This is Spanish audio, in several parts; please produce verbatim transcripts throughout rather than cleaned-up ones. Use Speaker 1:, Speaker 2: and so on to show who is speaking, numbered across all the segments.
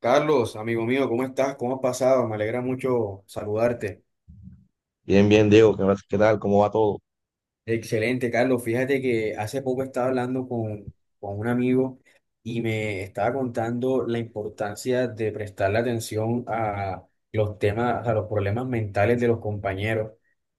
Speaker 1: Carlos, amigo mío, ¿cómo estás? ¿Cómo has pasado? Me alegra mucho saludarte.
Speaker 2: Bien, bien, Diego, ¿qué, más- qué tal? ¿Cómo va todo?
Speaker 1: Excelente, Carlos. Fíjate que hace poco estaba hablando con, con un amigo y me estaba contando la importancia de prestarle atención a los temas, a los problemas mentales de los compañeros,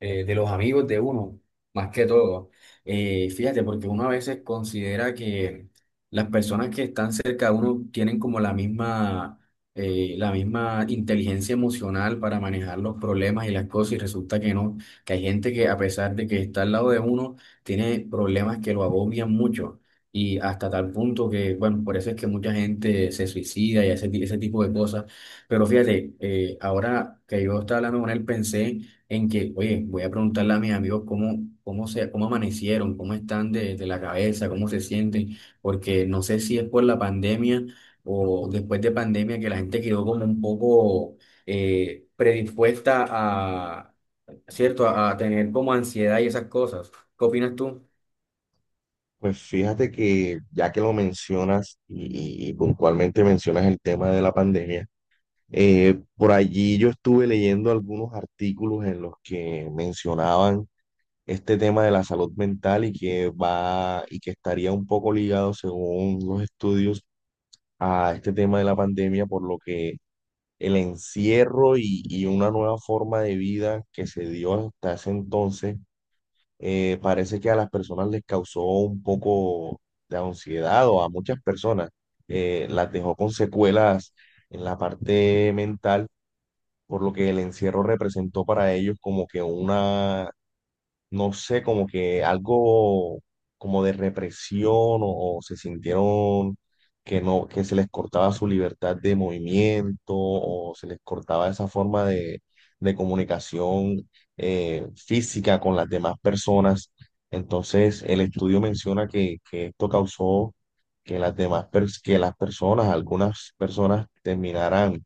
Speaker 1: eh, de los amigos de uno, más que todo. Eh, fíjate, porque uno a veces considera que las personas que están cerca de uno tienen como la misma, eh, la misma inteligencia emocional para manejar los problemas y las cosas y resulta que no, que hay gente que a pesar de que está al lado de uno, tiene problemas que lo agobian mucho y hasta tal punto que, bueno, por eso es que mucha gente se suicida y hace ti- ese tipo de cosas. Pero fíjate, eh, ahora que yo estaba hablando con él, pensé en que, oye, voy a preguntarle a mis amigos cómo, cómo se, cómo amanecieron, cómo están de, de la cabeza, cómo se sienten, porque no sé si es por la pandemia o después de pandemia que la gente quedó como un poco eh, predispuesta, ¿cierto? A, a tener como ansiedad y esas cosas. ¿Qué opinas tú?
Speaker 2: Pues fíjate que ya que lo mencionas y, y puntualmente mencionas el tema de la pandemia, eh, por allí yo estuve leyendo algunos artículos en los que mencionaban este tema de la salud mental y que va y que estaría un poco ligado, según los estudios, a este tema de la pandemia, por lo que el encierro y, y una nueva forma de vida que se dio hasta ese entonces eh, parece que a las personas les causó un poco de ansiedad o a muchas personas eh, las dejó con secuelas en la parte mental, por lo que el encierro representó para ellos como que una, no sé, como que algo como de represión o, o se sintieron que no, que se les cortaba su libertad de movimiento o se les cortaba esa forma de, de comunicación eh, física con las demás personas. Entonces, el estudio menciona que, que esto causó que las demás, pers- que las personas, algunas personas terminaran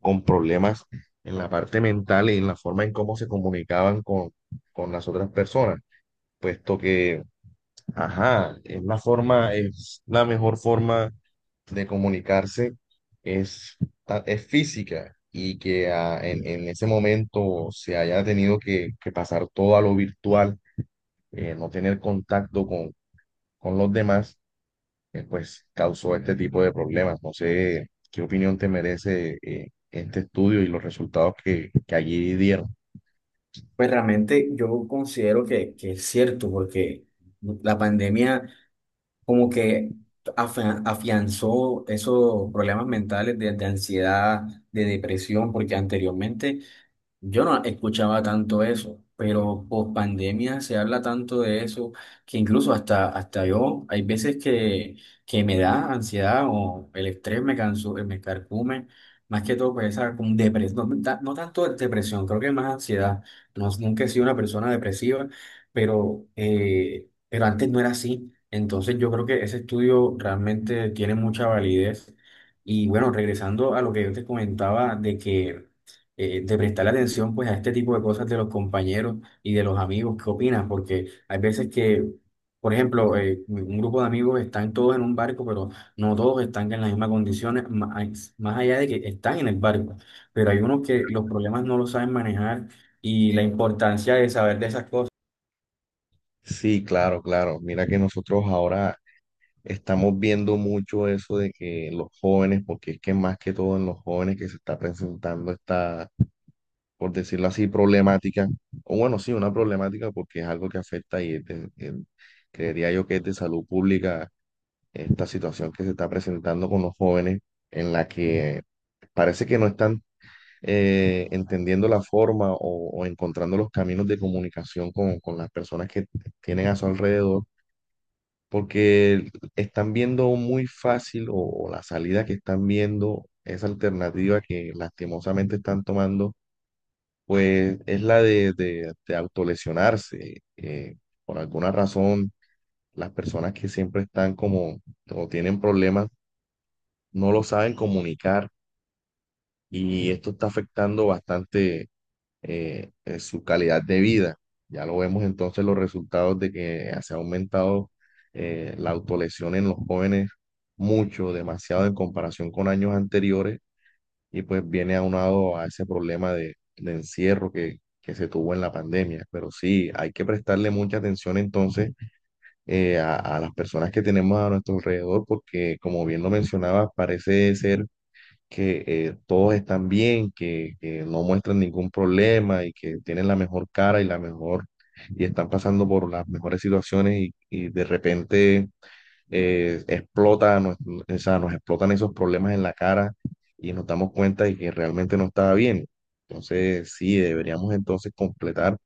Speaker 2: con problemas en la parte mental y en la forma en cómo se comunicaban con, con las otras personas, puesto que, ajá, es la forma, es la mejor forma de comunicarse es, ta- es física y que ah, en, en ese momento se haya tenido que, que pasar todo a lo virtual, eh, no tener contacto con, con los demás, eh, pues causó este tipo de problemas. No sé qué opinión te merece eh, este estudio y los resultados que, que allí dieron.
Speaker 1: Pues realmente yo considero que, que es cierto, porque la pandemia como que afia- afianzó esos problemas mentales de, de ansiedad, de depresión, porque anteriormente yo no escuchaba tanto eso, pero post pandemia se habla tanto de eso que incluso hasta, hasta yo, hay veces que, que me da ansiedad o el estrés me canso, eh, me carcome, más que todo, pues esa como depresión, no, ta- no tanto depresión, creo que más ansiedad. No, nunca he sido una persona depresiva, pero, eh, pero antes no era así. Entonces yo creo que ese estudio realmente tiene mucha validez. Y bueno, regresando a lo que yo te comentaba de que eh, de prestarle atención pues a este tipo de cosas de los compañeros y de los amigos, ¿qué opinas? Porque hay veces que, por ejemplo, eh, un grupo de amigos están todos en un barco, pero no todos están en las mismas condiciones, más, más allá de que están en el barco, pero hay unos que los problemas no los saben manejar y la importancia de saber de esas cosas.
Speaker 2: Sí, claro, claro. Mira que nosotros ahora estamos viendo mucho eso de que los jóvenes, porque es que más que todo en los jóvenes que se está presentando esta, por decirlo así, problemática, o bueno, sí, una problemática porque es algo que afecta y es de- en- creería yo que es de salud pública esta situación que se está presentando con los jóvenes, en la que parece que no están eh, entendiendo la forma o, o encontrando los caminos de comunicación con, con las personas que tienen a su alrededor, porque están viendo muy fácil o, o la salida que están viendo, esa alternativa que lastimosamente están tomando, pues es la de, de, de autolesionarse. eh, por alguna razón, las personas que siempre están como o tienen problemas no lo saben comunicar y esto está afectando bastante, eh, eh, su calidad de vida. Ya lo vemos entonces los resultados de que se ha aumentado, eh, la autolesión en los jóvenes mucho, demasiado en comparación con años anteriores y pues viene aunado a ese problema de, de encierro que, que se tuvo en la pandemia. Pero sí, hay que prestarle mucha atención entonces, eh, a, a las personas que tenemos a nuestro alrededor porque como bien lo mencionaba, parece ser que eh, todos están bien, que, que no muestran ningún problema y que tienen la mejor cara y la mejor, y están pasando por las mejores situaciones y, y de repente eh, explota, nos, o sea, nos explotan esos problemas en la cara y nos damos cuenta de que realmente no estaba bien. Entonces, sí, deberíamos entonces completar,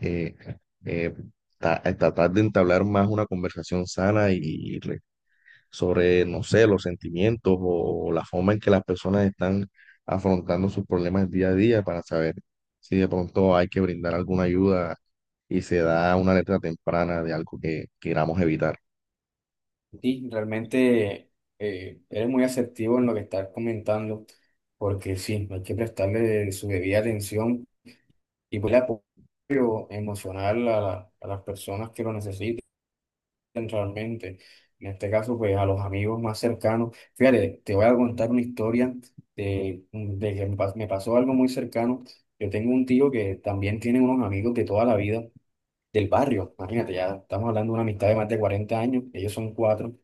Speaker 2: eh, eh, ta- tratar de entablar más una conversación sana y, sobre, no sé, los sentimientos o la forma en que las personas están afrontando sus problemas día a día para saber si de pronto hay que brindar alguna ayuda y se da una letra temprana de algo que queramos evitar.
Speaker 1: Sí, realmente eh, eres muy asertivo en lo que estás comentando, porque sí, hay que prestarle su debida atención. Y pues el apoyo emocional a, la- a las personas que lo necesiten realmente. En este caso, pues a los amigos más cercanos. Fíjate, te voy a contar una historia de, de que me pas- me pasó algo muy cercano. Yo tengo un tío que también tiene unos amigos de toda la vida del barrio. Imagínate, ya estamos hablando de una amistad de más de cuarenta años, ellos son cuatro.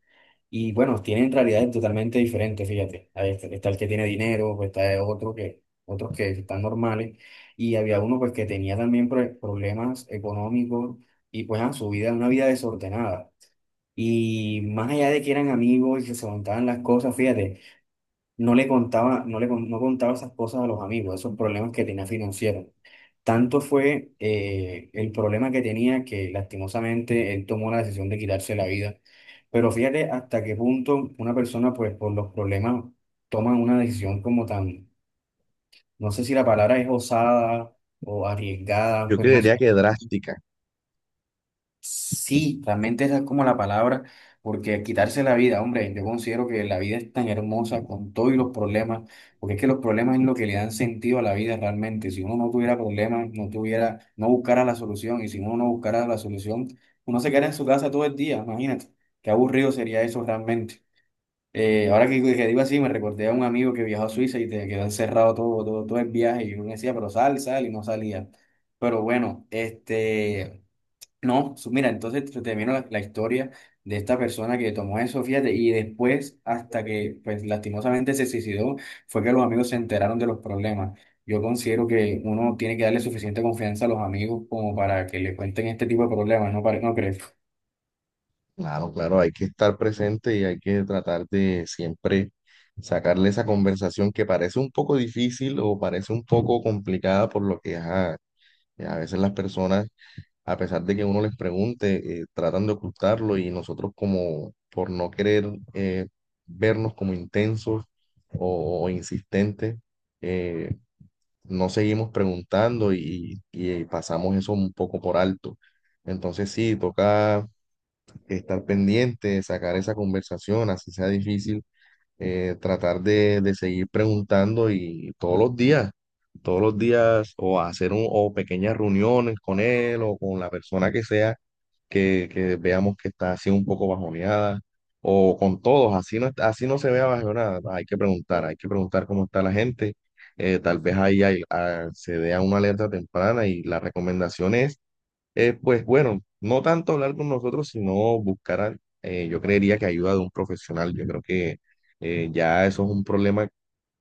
Speaker 1: Y bueno, tienen realidades totalmente diferentes, fíjate. Ahí está, está el que tiene dinero, pues, está el otro que, otros que están normales. Y había uno pues que tenía también pro- problemas económicos y pues ah, su vida, una vida desordenada. Y más allá de que eran amigos y que se contaban las cosas, fíjate, no le contaba, no le con- no contaba esas cosas a los amigos, esos problemas que tenía financieros. Tanto fue eh, el problema que tenía que lastimosamente él tomó la decisión de quitarse la vida. Pero fíjate hasta qué punto una persona, pues por los problemas, toma una decisión como tan, no sé si la palabra es osada o arriesgada,
Speaker 2: Yo
Speaker 1: pues no sé.
Speaker 2: creería que drástica.
Speaker 1: Sí, realmente esa es como la palabra, porque quitarse la vida, hombre, yo considero que la vida es tan hermosa con todos los problemas, porque es que los problemas es lo que le dan sentido a la vida realmente. Si uno no tuviera problemas, no tuviera, no buscara la solución, y si uno no buscara la solución, uno se queda en su casa todo el día, imagínate, qué aburrido sería eso realmente. Eh, ahora que, que digo así, me recordé a un amigo que viajó a Suiza y te quedó encerrado todo, todo, todo el viaje, y uno decía, pero sal, sal, y no salía. Pero bueno, este... No, su- mira, entonces te termino la, la historia de esta persona que tomó eso, fíjate, y después, hasta que, pues, lastimosamente se suicidó, fue que los amigos se enteraron de los problemas. Yo considero que uno tiene que darle suficiente confianza a los amigos como para que le cuenten este tipo de problemas, ¿no, pare- no crees?
Speaker 2: Claro, claro, hay que estar presente y hay que tratar de siempre sacarle esa conversación que parece un poco difícil o parece un poco complicada por lo que ajá, a veces las personas a pesar de que uno les pregunte, eh, tratan de ocultarlo y nosotros como por no querer eh, vernos como intensos o, o insistentes, eh, no seguimos preguntando y, y pasamos eso un poco por alto. Entonces sí, toca estar pendiente, sacar esa conversación, así sea difícil, eh, tratar de, de seguir preguntando y todos los días todos los días o hacer un, o pequeñas reuniones con él o con la persona que sea que, que veamos que está así un poco bajoneada, o con todos, así no, está- así no se vea bajoneada, hay que preguntar, hay que preguntar cómo está la gente, eh, tal vez ahí hay- ah, se dé a una alerta temprana y la recomendación es, eh, pues bueno, no tanto hablar con nosotros, sino buscar, a- eh, yo creería que ayuda de un profesional, yo creo que eh, ya eso es un problema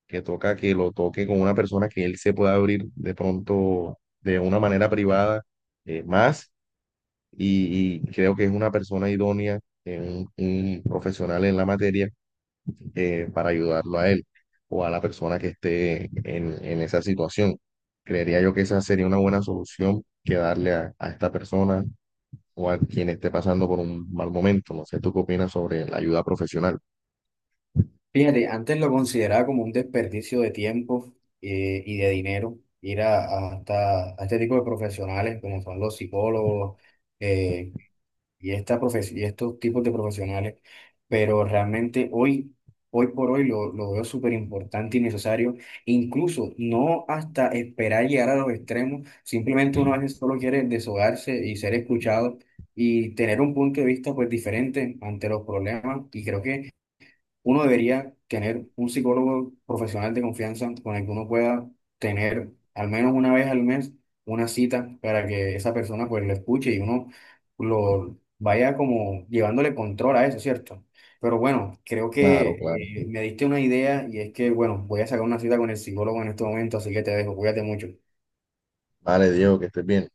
Speaker 2: que toca que lo toque con una persona que él se pueda abrir de pronto de una manera privada eh, más y, y creo que es una persona idónea, eh, un, un profesional en la materia, eh, para ayudarlo a él o a la persona que esté en, en esa situación. Creería yo que esa sería una buena solución que darle a, a esta persona o a quien esté pasando por un mal momento. No sé, ¿tú qué opinas sobre la ayuda profesional?
Speaker 1: Fíjate, antes lo consideraba como un desperdicio de tiempo eh, y de dinero ir a, a- hasta, a este tipo de profesionales como son los psicólogos, eh, y, esta profe- y estos tipos de profesionales, pero realmente hoy, hoy por hoy lo, lo veo súper importante y necesario, incluso no hasta esperar llegar a los extremos, simplemente uno a veces solo quiere desahogarse y ser escuchado y tener un punto de vista pues diferente ante los problemas y creo que uno debería tener un psicólogo profesional de confianza con el que uno pueda tener al menos una vez al mes una cita para que esa persona pues lo escuche y uno lo vaya como llevándole control a eso, ¿cierto? Pero bueno, creo
Speaker 2: Claro,
Speaker 1: que
Speaker 2: claro.
Speaker 1: eh, me diste una idea y es que, bueno, voy a sacar una cita con el psicólogo en este momento, así que te dejo, cuídate mucho.
Speaker 2: Vale, Diego, que estés bien.